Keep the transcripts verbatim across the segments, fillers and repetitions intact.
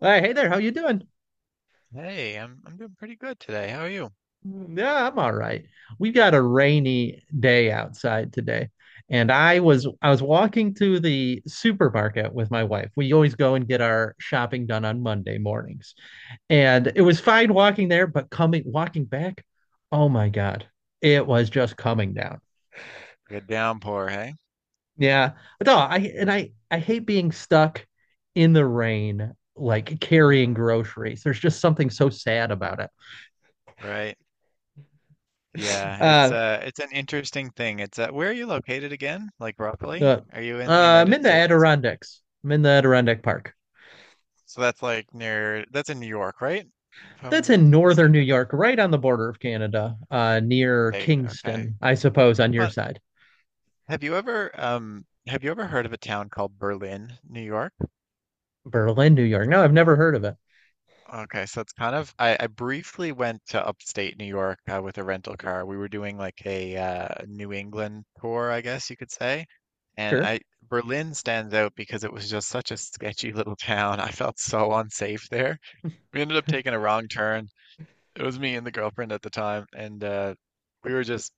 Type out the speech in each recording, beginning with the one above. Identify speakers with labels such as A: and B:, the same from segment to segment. A: Hey, hey there, how you doing?
B: Hey, I'm I'm doing pretty good today. How are you?
A: Yeah, I'm all right. We got a rainy day outside today, and I was I was walking to the supermarket with my wife. We always go and get our shopping done on Monday mornings. And
B: Mm,
A: it was fine walking there, but coming walking back, oh my God, it was just coming down.
B: Good downpour, hey?
A: Yeah. No, I and I I hate being stuck in the rain, like carrying
B: Mm,
A: groceries. There's just something so sad about it.
B: right. Yeah, it's
A: Uh
B: uh it's an interesting thing. It's uh where are you located again? Like,
A: Uh,
B: roughly?
A: uh,
B: Are you in the
A: I'm
B: United
A: in the
B: States?
A: Adirondacks. I'm in the Adirondack Park.
B: So that's like, near, that's in New York, right? If
A: That's
B: I'm not
A: in northern New
B: mistaken.
A: York, right on the border of Canada, uh,
B: Like,
A: near
B: state, okay.
A: Kingston, I suppose, on your
B: But
A: side.
B: have you ever um have you ever heard of a town called Berlin, New York?
A: Berlin, New York. No, I've never heard of it.
B: Okay, so it's kind of, I, I briefly went to upstate New York, uh, with a rental car. We were doing like a uh, New England tour, I guess you could say. And
A: Sure.
B: I Berlin stands out because it was just such a sketchy little town. I felt so unsafe there. We ended up taking a wrong turn. It was me and the girlfriend at the time, and uh, we were just.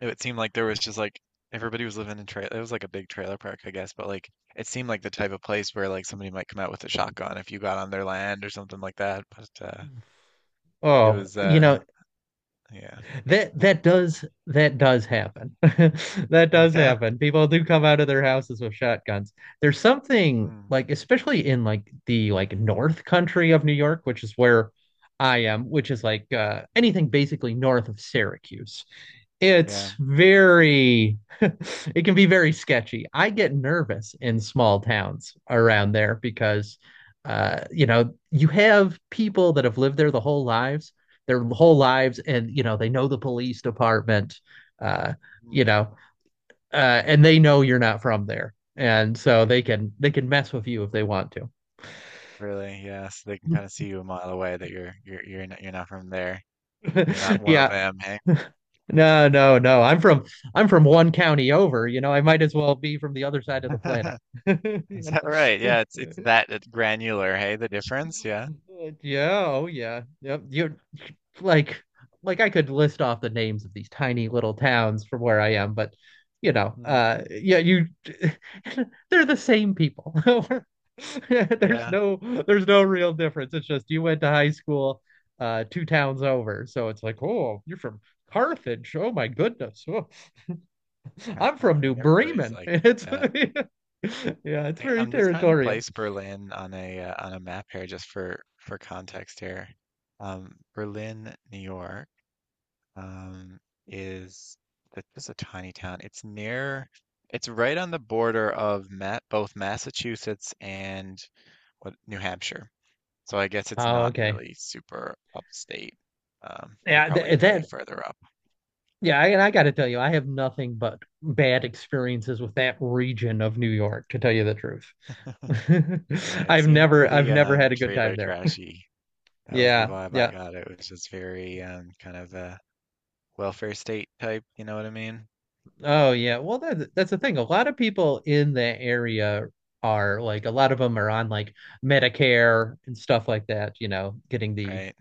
B: It seemed like there was just like everybody was living in trailer. It was like a big trailer park, I guess, but like it seemed like the type of place where like somebody might come out with a shotgun if you got on their land or something like that. But uh, it
A: Oh,
B: was,
A: you
B: uh
A: know,
B: yeah.
A: that that does that does happen. That does
B: Yeah.
A: happen. People do come out of their houses with shotguns. There's something
B: Mm,
A: like, especially in like the like north country of New York, which is where I am, which is like uh,
B: mhm,
A: anything basically north of Syracuse.
B: yeah.
A: It's very it can be very sketchy. I get nervous
B: Mm,
A: in small towns around there because uh you know, you have people that have lived there the whole lives, their whole lives and you know, they know the police department uh you
B: mm.
A: know, uh and they know you're not from there. And so they can they can mess with you if they want
B: Really, yeah. So they can
A: to.
B: kind of see you a mile away that you're you're you're not you're not from there. You're not one of
A: Yeah.
B: them, hey?
A: No, no, no. I'm from I'm from one county over, you know, I might as well be from the other side of the planet. You
B: Is
A: know?
B: that right? Yeah, it's it's that at granular, hey, the difference, yeah.
A: Uh, yeah, oh yeah. Yep. You're like like I could list off the names of these tiny little towns from where I am, but you know,
B: Mm,
A: uh yeah, you they're the same people. There's
B: yeah.
A: no there's no real difference. It's just you went to high school uh two towns over. So it's like, oh, you're from Carthage. Oh my goodness. Oh,
B: Yeah,
A: I'm
B: well,
A: from
B: I
A: New
B: mean everybody's
A: Bremen.
B: like
A: It's
B: that.
A: yeah, it's
B: I,
A: very
B: I'm just trying to
A: territorial.
B: place Berlin on a uh, on a map here just for for context here. Um, Berlin, New York. Um, is that is just a tiny town. It's near, it's right on the border of Ma both Massachusetts and, what, New Hampshire. So I guess it's
A: Oh,
B: not
A: okay.
B: really super upstate. Um, you're
A: Yeah,
B: probably
A: th
B: way
A: that
B: further up.
A: Yeah, I- and I got to tell you, I have nothing but bad experiences with that region of New York, to tell you the truth.
B: Yeah, it
A: I've
B: seemed
A: never, I've
B: pretty,
A: never
B: um,
A: had a good time
B: trailer
A: there.
B: trashy. That was the
A: Yeah,
B: vibe I
A: yeah.
B: got. It was just very, um, kind of a welfare state type, you know what I mean?
A: Oh, yeah. Well, that's that's the thing. A lot of people in that area are like, a lot of them are on like Medicare and stuff like that, you know, getting the
B: Right.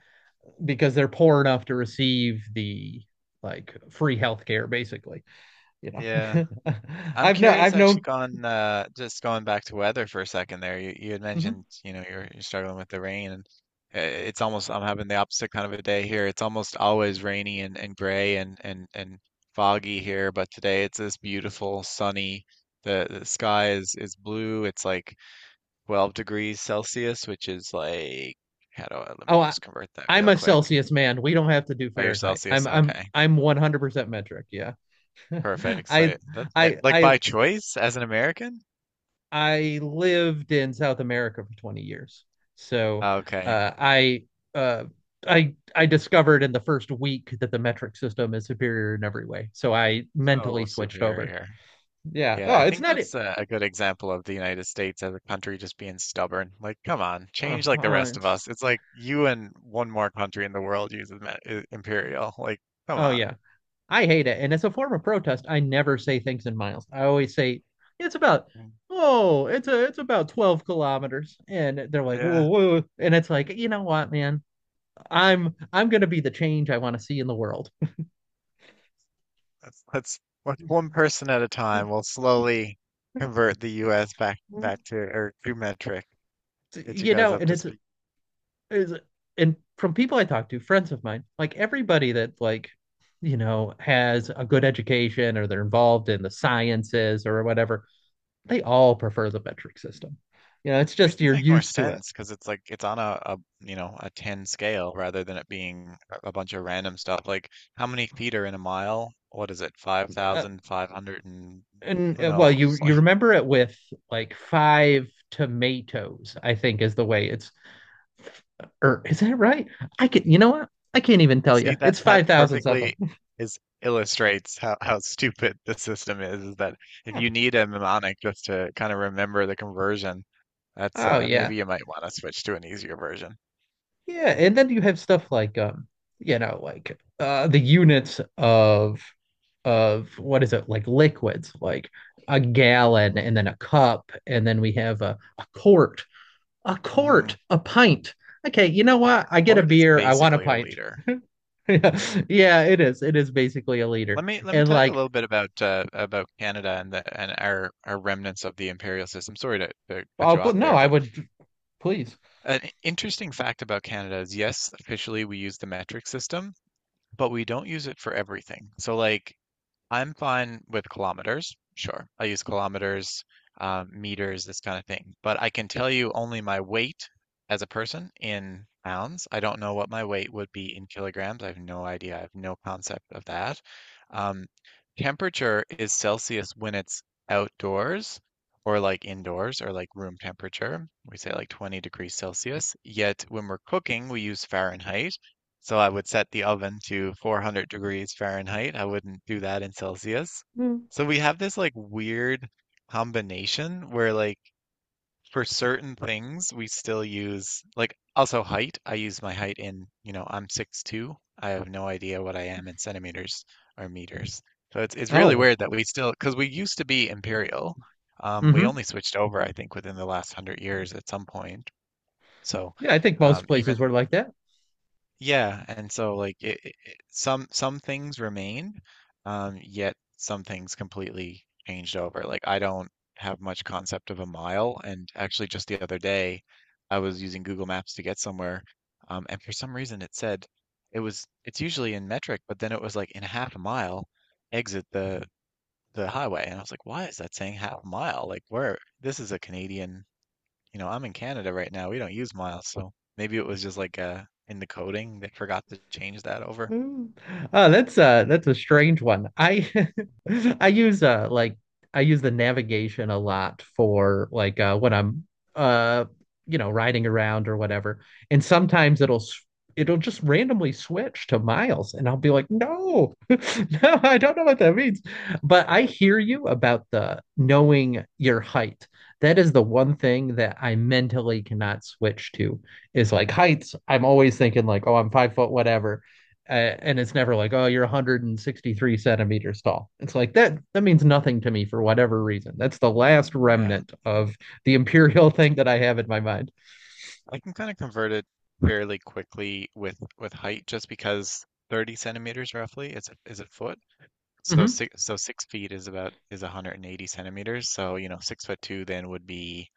A: because they're poor enough to receive the like free healthcare, basically, you know.
B: Yeah. I'm
A: I've no,
B: curious,
A: I've
B: actually,
A: known.
B: gone uh just going back to weather for a second there. You you had mentioned,
A: Mhm.
B: you know, you're you're struggling with the rain and, uh, it's almost I'm having the opposite kind of a day here. It's almost always rainy, and, and gray, and, and and foggy here, but today it's this beautiful sunny. The, the sky is is blue. It's like twelve degrees Celsius, which is like, how do I let
A: Oh,
B: me
A: I,
B: just convert that
A: I'm
B: real
A: a
B: quick.
A: Celsius man. We don't have to do
B: Oh, your
A: Fahrenheit. I'm
B: Celsius.
A: I'm
B: Okay.
A: I'm one hundred percent metric. Yeah.
B: Perfect. So
A: I
B: yeah, that, eh,
A: I
B: like
A: I
B: by choice as an American?
A: I lived in South America for twenty years. So,
B: Okay.
A: uh I uh I I discovered in the first week that the metric system is superior in every way. So I mentally
B: So
A: switched over.
B: superior.
A: Yeah.
B: Yeah,
A: Oh,
B: I
A: it's
B: think
A: not it.
B: that's a, a good example of the United States as a country just being stubborn. Like, come on,
A: Oh,
B: change like the
A: uh,
B: rest of
A: it's-
B: us. It's like you and one more country in the world uses ma- i- imperial. Like, come
A: oh
B: on.
A: yeah. I hate it. And as a form of protest, I never say things in miles. I always say it's about
B: Mm.
A: oh, it's a it's about twelve kilometers. And they're like, whoa,
B: Yeah,
A: whoa. And it's like, you know what, man? I'm I'm gonna be the change I want to see in the world.
B: let's let's one one person at a time. We'll slowly convert the U S back back to or to metric. Get you
A: You
B: guys
A: know,
B: up
A: and
B: to
A: it's
B: speed.
A: it's and from people I talk to, friends of mine, like everybody that like you know has a good education or they're involved in the sciences or whatever, they all prefer the metric system. You know, it's just
B: Makes it
A: you're
B: make more
A: used to it.
B: sense because it's like it's on a, a you know a ten scale rather than it being a a bunch of random stuff. Like, how many feet are in a mile? What is it?
A: Uh,
B: five thousand five hundred and
A: and
B: who
A: uh, well, you
B: knows?
A: you
B: Like,
A: remember it with like five tomatoes, I think is the way it's. Or is that right? I can. You know what? I can't even tell you.
B: see, that
A: It's
B: that
A: five thousand something.
B: perfectly is illustrates how, how stupid the system is, is that if
A: Hmm.
B: you need a mnemonic just to kind of remember the conversion, that's,
A: Oh
B: uh,
A: yeah,
B: maybe you might want to switch to an easier version.
A: yeah. And then you have stuff like um, you know, like uh, the units of of what is it like liquids, like a gallon and then a cup, and then we have a, a quart, a
B: Mm-hmm.
A: quart, a pint. Okay, you know
B: A
A: what? I get a
B: quart is
A: beer. I want a
B: basically a
A: pint.
B: liter.
A: Yeah, yeah, it is. It is basically a leader.
B: Let me let me
A: And
B: tell you a
A: like,
B: little bit about uh, about Canada and the and our our remnants of the imperial system. Sorry to, to cut
A: oh,
B: you
A: but
B: off
A: no,
B: there,
A: I
B: but
A: would please.
B: an interesting fact about Canada is, yes, officially we use the metric system, but we don't use it for everything. So like, I'm fine with kilometers. Sure. I use kilometers, um, meters, this kind of thing. But I can tell you only my weight as a person in pounds. I don't know what my weight would be in kilograms. I have no idea. I have no concept of that. Um, Temperature is Celsius when it's outdoors or like indoors or like room temperature. We say like twenty degrees Celsius. Yet when we're cooking, we use Fahrenheit. So I would set the oven to four hundred degrees Fahrenheit. I wouldn't do that in Celsius.
A: Mm.
B: So we have this like weird combination where like for certain things we still use, like, also height. I use my height in, you know, I'm six two. I have no idea what I am in centimeters or meters. So it's it's really
A: Oh,
B: weird that we still, because we used to be imperial. Um, we
A: hmm.
B: only switched over, I think, within the last hundred years at some point. So,
A: Yeah, I think
B: um,
A: most
B: even,
A: places were like that.
B: yeah, and so like, it, it, it- some some things remain, um, yet some things completely changed over. Like, I don't have much concept of a mile, and actually just the other day, I was using Google Maps to get somewhere, um, and for some reason it said it was it's usually in metric, but then it was like in a half a mile, exit the the highway, and I was like, why is that saying half a mile? Like, where this is a Canadian, you know, I'm in Canada right now. We don't use miles, so maybe it was just like, uh in the coding they forgot to change that over.
A: Mm. Oh, that's uh that's a strange one. I I use uh like I use the navigation a lot for like uh when I'm uh you know riding around or whatever. And sometimes it'll s- it'll just randomly switch to miles and I'll be like, "No. No, I don't know what that means." But I hear you about the knowing your height. That is the one thing that I mentally cannot switch to is like heights. I'm always thinking like, "Oh, I'm five foot whatever." uh, and it's never
B: Mm.
A: like oh you're one hundred sixty-three centimeters tall, it's like that that means nothing to me for whatever reason. That's the last
B: Yeah,
A: remnant of the imperial thing that I have in my mind.
B: I can kind of convert it fairly quickly with with height just because thirty centimeters roughly is a, is a foot. So
A: Hmm.
B: six so six feet is about is one hundred eighty centimeters. So you know six foot two then would be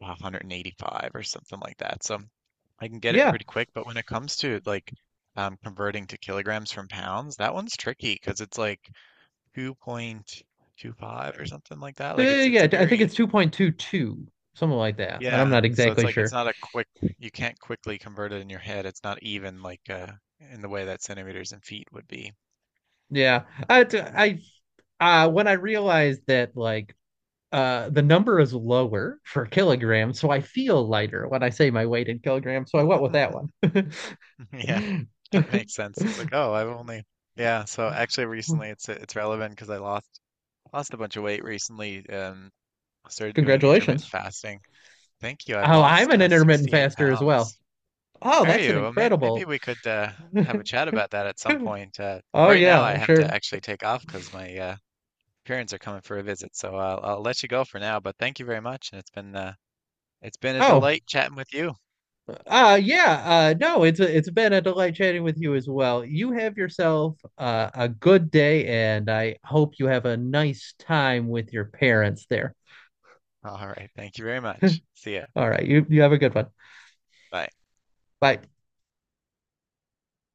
B: one hundred eighty-five or something like that. So I can get it
A: Yeah.
B: pretty quick. But when it comes to like, um, converting to kilograms from pounds, that one's tricky because it's like two point two five or something like that.
A: Uh,
B: Like it's it's
A: yeah
B: a
A: I think
B: very,
A: it's two point two two something like that but I'm
B: yeah.
A: not
B: So it's
A: exactly
B: like, it's
A: sure.
B: not a quick. You can't quickly convert it in your head. It's not even like, uh in the way that centimeters and feet would be.
A: Yeah. i, I uh, when I realized that like uh, the number is lower for kilograms, so I feel lighter when I say my weight in kilograms. So I went with that one.
B: Yeah, that makes sense. It's like, oh, I've only, yeah. So actually, recently it's it's relevant because I lost lost a bunch of weight recently. Um, started doing intermittent
A: Congratulations.
B: fasting. Thank you. I've
A: Oh, I'm
B: lost,
A: an
B: uh,
A: intermittent
B: 68
A: faster as well.
B: pounds.
A: Oh,
B: Are
A: that's an
B: you? Well, maybe, maybe
A: incredible.
B: we could, uh, have a chat about that at some point. Uh,
A: Oh
B: right now,
A: yeah,
B: I have to
A: sure.
B: actually take off because my, uh, parents are coming for a visit, so I'll, I'll let you go for now. But thank you very much, and it's been uh, it's been a
A: Oh,
B: delight chatting with you.
A: uh, yeah. Uh, no, it's a, it's been a delight chatting with you as well. You have yourself uh, a good day, and I hope you have a nice time with your parents there.
B: All right. Thank you very much. See ya.
A: All right, you you have a good one.
B: Bye.
A: Bye.